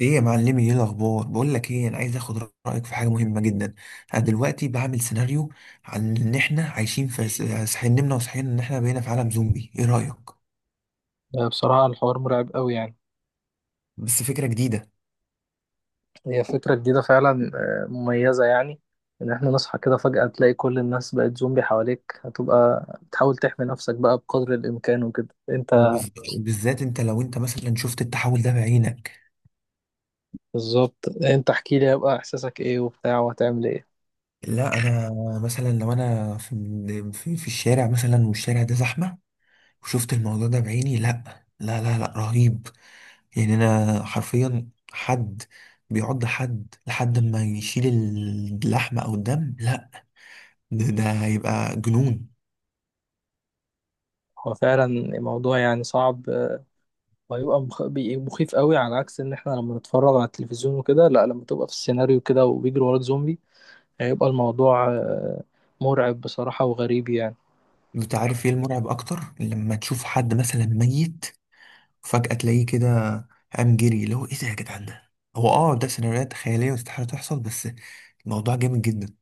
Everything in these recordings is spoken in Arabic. ايه يا معلمي، ايه الاخبار؟ بقول لك ايه، انا عايز اخد رايك في حاجه مهمه جدا. انا دلوقتي بعمل سيناريو عن ان احنا عايشين في صحيح، نمنا وصحينا ان احنا بقينا في عالم زومبي، ايه رايك؟ بصراحة الحوار مرعب قوي يعني. بس فكره جديده. هي فكرة جديدة فعلا، مميزة يعني. إن إحنا نصحى كده فجأة تلاقي كل الناس بقت زومبي حواليك، هتبقى بتحاول تحمي نفسك بقى بقدر الإمكان وكده. أنت وبالذات انت لو انت مثلا شفت التحول ده بعينك. بالظبط. أنت احكي لي، هيبقى إحساسك إيه وبتاع وهتعمل إيه. لا انا مثلا لو انا في في الشارع مثلا والشارع ده زحمه وشفت الموضوع ده بعيني، لا لا لا، لا رهيب. يعني انا حرفيا حد بيعض حد لحد ما يشيل اللحمة او الدم، لا ده هيبقى جنون. هو فعلا الموضوع يعني صعب، وهيبقى مخيف قوي، على عكس إن إحنا لما نتفرج على التلفزيون وكده. لا، لما تبقى في السيناريو كده وبيجري وراك زومبي هيبقى الموضوع مرعب بصراحة وغريب يعني. انت عارف ايه المرعب اكتر؟ لما تشوف حد مثلا ميت، فجأة تلاقيه كده قام جري، اللي هو ايه ده يا جدعان؟ ده هو اه ده سيناريوهات خيالية واستحالة تحصل، بس الموضوع جامد جدا.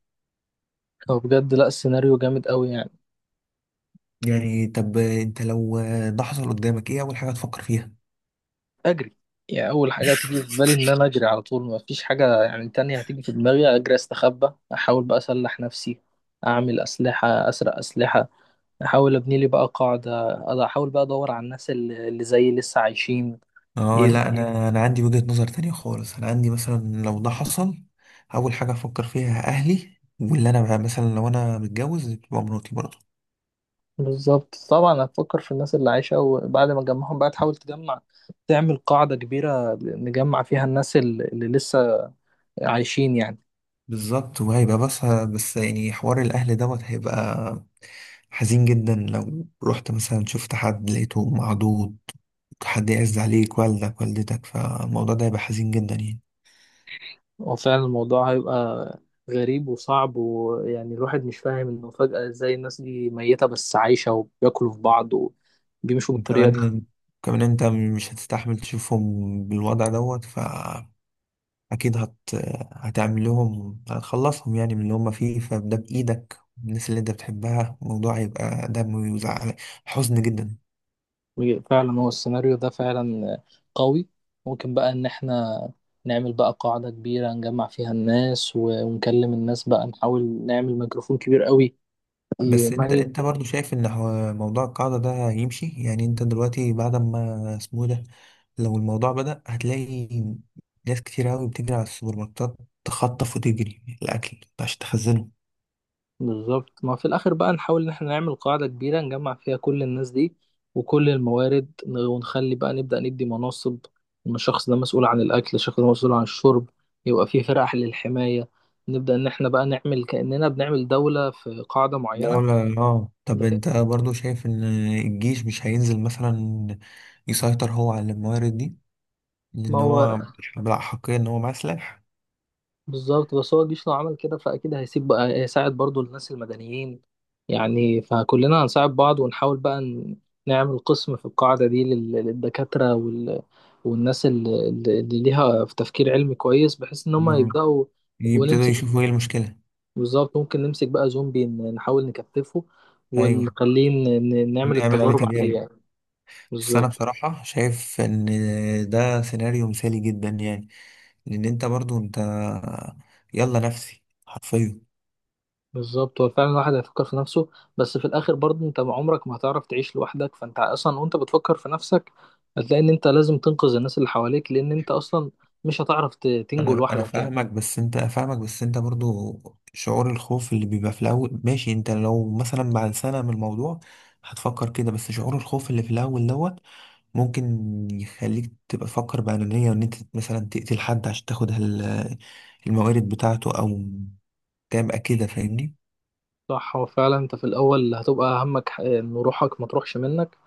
هو بجد لا، السيناريو جامد قوي يعني. يعني طب انت لو ده حصل قدامك، ايه اول حاجة تفكر فيها؟ اجري. يعني اول حاجه تيجي في بالي ان انا اجري على طول، ما فيش حاجه يعني تانية هتيجي في دماغي. اجري، استخبى، احاول بقى اسلح نفسي، اعمل اسلحه، اسرق اسلحه، احاول ابني لي بقى قاعده، احاول بقى ادور على الناس اللي زيي لسه عايشين. اه ايه لا انا عندي وجهة نظر تانية خالص. انا عندي مثلا لو ده حصل، اول حاجة افكر فيها اهلي، واللي انا بقى مثلا لو انا متجوز تبقى مراتي برضه. بالظبط، طبعا هتفكر في الناس اللي عايشه، وبعد ما تجمعهم بقى تحاول تجمع، تعمل قاعده كبيره نجمع فيها الناس اللي لسه عايشين يعني. بالظبط، وهيبقى بس يعني حوار الاهل دوت هيبقى حزين جدا. لو رحت مثلا شفت حد لقيته معدود، حد يعز عليك، والدك، والدتك، فالموضوع ده هيبقى حزين جدا يعني. هو فعلا الموضوع هيبقى غريب وصعب، ويعني الواحد مش فاهم انه فجأة ازاي الناس دي ميتة بس عايشة وبياكلوا في بعض وبيمشوا بالطريقة وكمان كمان انت مش هتستحمل تشوفهم بالوضع دوت، اكيد هتعمل لهم، هتخلصهم يعني من اللي هم فيه. فده بايدك الناس اللي انت بتحبها، الموضوع هيبقى دم وزعل، حزن جدا. دي. فعلا هو السيناريو ده فعلا قوي. ممكن بقى ان احنا نعمل بقى قاعدة كبيرة نجمع فيها الناس، ونكلم الناس بقى، نحاول نعمل ميكروفون كبير قوي. بس انت برضو شايف ان هو موضوع القاعدة ده يمشي؟ يعني انت دلوقتي بعد ما اسمه إيه ده، لو الموضوع بدأ هتلاقي ناس كتير قوي بتجري على السوبر ماركتات، تخطف وتجري الاكل عشان تخزنه. بالظبط، ما في الاخر بقى نحاول ان احنا نعمل قاعدة كبيرة نجمع فيها كل الناس دي وكل الموارد، ونخلي بقى نبدأ ندي مناصب: ان الشخص ده مسؤول عن الاكل، الشخص ده مسؤول عن الشرب، يبقى في فرق للحماية. نبدأ ان احنا بقى نعمل كأننا بنعمل دولة في قاعدة معينة، دولة، اه. طب بحيث. انت برضو شايف ان الجيش مش هينزل مثلا يسيطر هو على الموارد دي؟ ما لأن هو هو بلا حقيا إن هو مسلح. بالظبط، بس هو الجيش لو عمل كده فأكيد هيسيب بقى، هيساعد برضو الناس المدنيين يعني، فكلنا هنساعد بعض ونحاول بقى نعمل قسم في القاعدة دي للدكاترة والناس اللي ليها في تفكير علمي كويس، بحيث إن هم مم. يبدأوا يبتدوا ونمسك. يشوفوا إيه المشكلة. بالظبط، ممكن نمسك بقى زومبي، نحاول نكتفه أيوه، ونخليه نعمل نعمل عليه التجارب عليه تجارب. يعني. بس أنا بالظبط. بصراحة شايف إن ده سيناريو مثالي جدا يعني. لأن أنت برضو أنت يلا نفسي حرفيا. بالظبط، هو فعلا الواحد هيفكر في نفسه، بس في الاخر برضه انت عمرك ما هتعرف تعيش لوحدك. فانت اصلا وانت بتفكر في نفسك هتلاقي ان انت لازم تنقذ الناس اللي حواليك، لان انت اصلا مش هتعرف تنجو أنا لوحدك يعني. فاهمك، بس أنت فاهمك، بس أنت برضو شعور الخوف اللي بيبقى في الأول ماشي. أنت لو مثلا بعد سنة من الموضوع هتفكر كده، بس شعور الخوف اللي في الأول دوت ممكن يخليك تبقى تفكر بأنانية، وإن أنت مثلا تقتل حد عشان تاخد الموارد بتاعته، أو تبقى كده. فاهمني؟ صح، هو فعلا انت في الاول هتبقى همك ان روحك ما تروحش منك،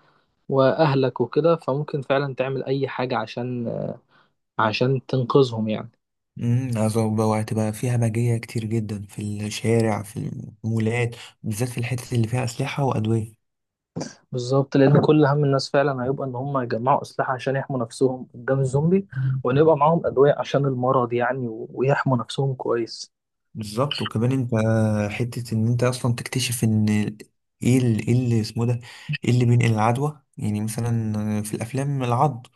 واهلك وكده، فممكن فعلا تعمل اي حاجة عشان عشان تنقذهم يعني. عذاب بقى، وهتبقى فيها همجية كتير جدا في الشارع، في المولات، بالذات في الحتة اللي فيها أسلحة وأدوية. بالظبط، لان كل هم الناس فعلا هيبقى ان هم يجمعوا اسلحة عشان يحموا نفسهم قدام الزومبي، مم. وان يبقى معاهم ادوية عشان المرض يعني، ويحموا نفسهم كويس. بالظبط. وكمان انت حتة ان انت اصلا تكتشف ان ايه ايه اللي اسمه ده، ايه اللي بينقل العدوى، يعني مثلا في الافلام العض،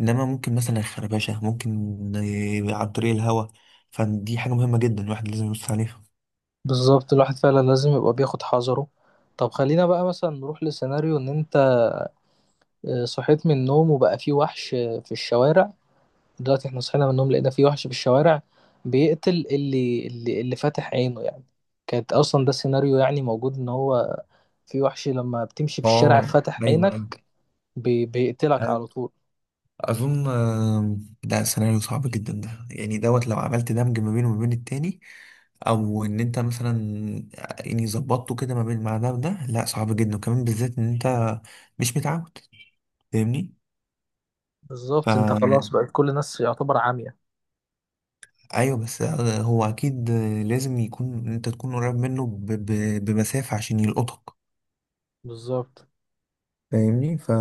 انما ممكن مثلا الخربشه، ممكن عن طريق الهواء. فدي حاجه مهمه جدا الواحد لازم يبص عليها. بالظبط، الواحد فعلا لازم يبقى بياخد حذره. طب خلينا بقى مثلا نروح لسيناريو ان انت صحيت من النوم وبقى في وحش في الشوارع. دلوقتي احنا صحينا من النوم لقينا في وحش في الشوارع بيقتل اللي فاتح عينه يعني. كانت اصلا ده السيناريو يعني موجود، ان هو في وحش لما بتمشي في الشارع اه فاتح ايوه عينك ايوه. بيقتلك أيوة. على طول. اظن ده سيناريو صعب جدا. ده يعني دوت لو عملت دمج ما بينه وما بين التاني، او ان انت مثلا يعني ظبطته كده ما بين مع ده وده، لا صعب جدا، وكمان بالذات ان انت مش متعود. فاهمني؟ بالظبط، انت فا خلاص بقت كل الناس يعتبر عمية. ايوه، بس هو اكيد لازم يكون انت تكون قريب منه بمسافة عشان يلقطك. بالظبط، فاهمني؟ ف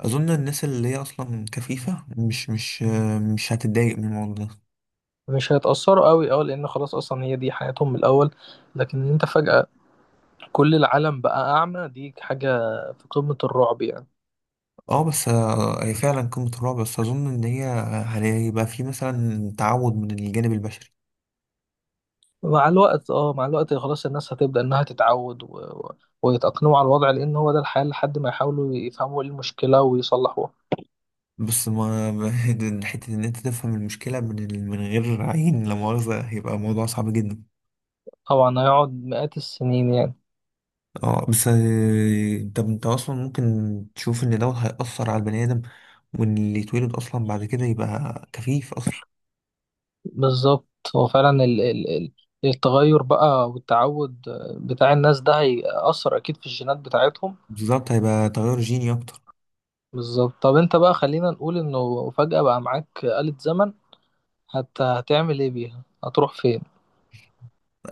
اظن الناس اللي هي اصلا كفيفه مش مش هتتضايق من الموضوع ده. مش هيتأثروا قوي اه، لان خلاص اصلا هي دي حياتهم من الاول، لكن انت فجأة كل العالم بقى أعمى، دي حاجة في قمة الرعب يعني. اه بس هي فعلا قمه الرعب، بس اظن ان هي هيبقى في مثلا تعود من الجانب البشري. مع الوقت اه، مع الوقت خلاص الناس هتبدأ إنها تتعود ويتأقلموا على الوضع، لأن هو ده الحال لحد ما يحاولوا يفهموا إيه المشكلة ويصلحوها. بس حته ان انت تفهم المشكله من من غير عين لا مؤاخذه هيبقى موضوع صعب جدا. طبعا هيقعد مئات السنين يعني. اه بس طب انت اصلا ممكن تشوف ان دوت هيأثر على البني ادم، وان اللي يتولد اصلا بعد كده يبقى كفيف اصلا. بالظبط، هو فعلا التغير بقى والتعود بتاع الناس ده هيأثر أكيد في الجينات بتاعتهم. بالظبط، هيبقى تغير جيني اكتر. بالظبط. طب أنت بقى، خلينا نقول إنه فجأة بقى معاك آلة زمن، هتعمل إيه بيها؟ هتروح فين؟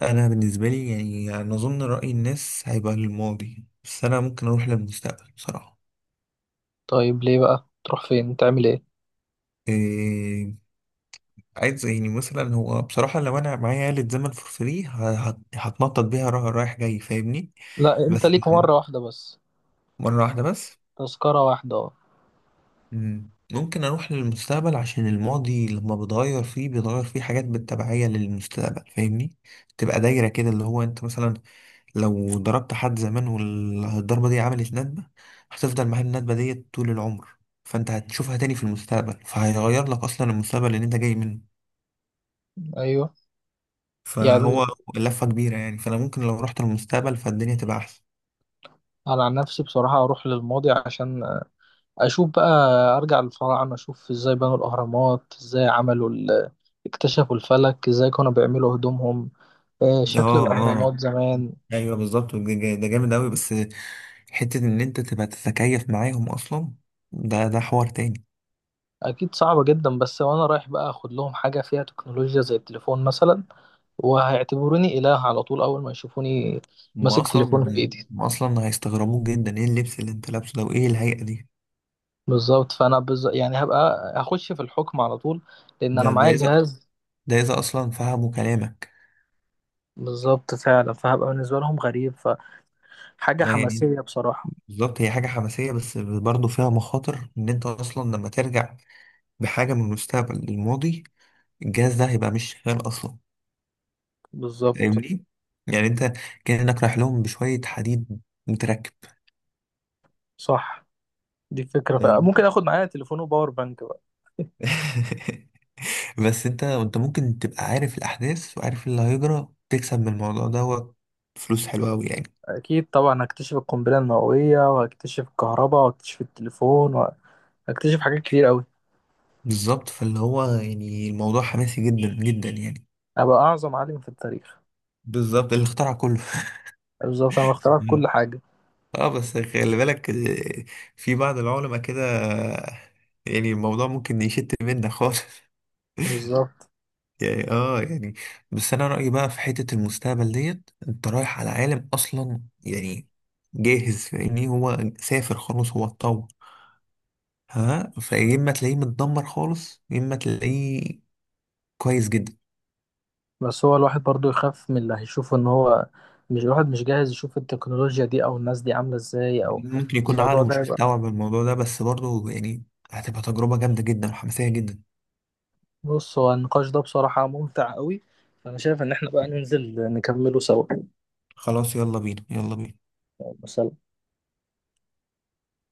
انا بالنسبه لي يعني انا اظن راي الناس هيبقى للماضي، بس انا ممكن اروح للمستقبل بصراحه. طيب ليه بقى، تروح فين تعمل ايه؟ إيه عايز يعني مثلا، هو بصراحه لو انا معايا آلة زمن فور فري هتنطط بيها رايح جاي. فاهمني؟ لا، بس انت ليك مرة واحدة بس. مره واحده بس. تذكرة واحدة اه. ممكن اروح للمستقبل عشان الماضي لما بتغير فيه بيتغير فيه حاجات بالتبعية للمستقبل. فاهمني؟ تبقى دايرة كده، اللي هو انت مثلا لو ضربت حد زمان والضربة دي عملت ندبة، هتفضل معاه الندبة دي طول العمر، فانت هتشوفها تاني في المستقبل، فهيغير لك اصلا المستقبل اللي انت جاي منه. ايوه يعني. فهو لفة كبيرة يعني. فانا ممكن لو رحت للمستقبل فالدنيا تبقى احسن. انا عن نفسي بصراحة اروح للماضي عشان اشوف بقى، ارجع للفراعنة اشوف ازاي بنوا الاهرامات، ازاي عملوا اكتشفوا الفلك، ازاي كانوا بيعملوا هدومهم، شكل اه، اه، الاهرامات زمان. ايوه بالظبط، ده ده جامد اوي. بس حتة إن أنت تبقى تتكيف معاهم أصلا، ده حوار تاني. اكيد صعبة جدا، بس وانا رايح بقى اخد لهم حاجة فيها تكنولوجيا زي التليفون مثلا، وهيعتبروني اله على طول اول ما يشوفوني هما ماسك أصلا تليفون في ايدي. هما أصلا هيستغربوك جدا، إيه اللبس اللي أنت لابسه ده، وإيه الهيئة دي؟ بالظبط، فانا يعني هبقى هخش في الحكم على طول لان انا ده معايا إذا، جهاز. ده إذا أصلا فهموا كلامك. بالظبط فعلا، فهبقى بالنسبه لهم غريب، فحاجه آه يعني حماسيه بصراحه. بالظبط، هي حاجة حماسية، بس برضه فيها مخاطر إن أنت أصلا لما ترجع بحاجة من المستقبل للماضي، الجهاز ده هيبقى مش شغال أصلا. بالظبط. فاهمني؟ يعني أنت كأنك رايح لهم بشوية حديد متركب. صح، دي فكره فاهمني؟ ممكن اخد معايا تليفون وباور بانك بقى. بس انت ممكن تبقى عارف الاحداث وعارف اللي هيجرى، تكسب من الموضوع دوت فلوس حلوه قوي يعني. اكيد طبعا، هكتشف القنبله النوويه، وهكتشف الكهرباء، وهكتشف التليفون، وهكتشف حاجات كتير قوي. بالظبط، فاللي هو يعني الموضوع حماسي جدا جدا يعني. ابقى اعظم عالم في التاريخ. بالظبط، اللي اخترع كله. بالظبط، انا اخترعت كل حاجه. اه بس خلي بالك، في بعض العلماء كده، آه، يعني الموضوع ممكن يشت منك خالص. بالظبط، يعني اه يعني، بس انا رأيي بقى في حتة المستقبل ديت، انت رايح على عالم اصلا يعني جاهز، فاهمني؟ هو سافر خلاص، هو اتطور. ها فيا اما تلاقيه متدمر خالص، يا اما تلاقيه كويس جدا. بس هو الواحد برضو يخاف من اللي هيشوفه، ان هو مش، الواحد مش جاهز يشوف التكنولوجيا دي او الناس دي عاملة ازاي او ممكن يكون الموضوع عقله ده مش يبقى. مستوعب الموضوع ده، بس برضه يعني هتبقى تجربة جامدة جدا وحماسية جدا. بص، هو النقاش ده بصراحة ممتع قوي، فانا شايف ان احنا بقى ننزل نكمله سوا خلاص يلا بينا يلا بينا. مثلا.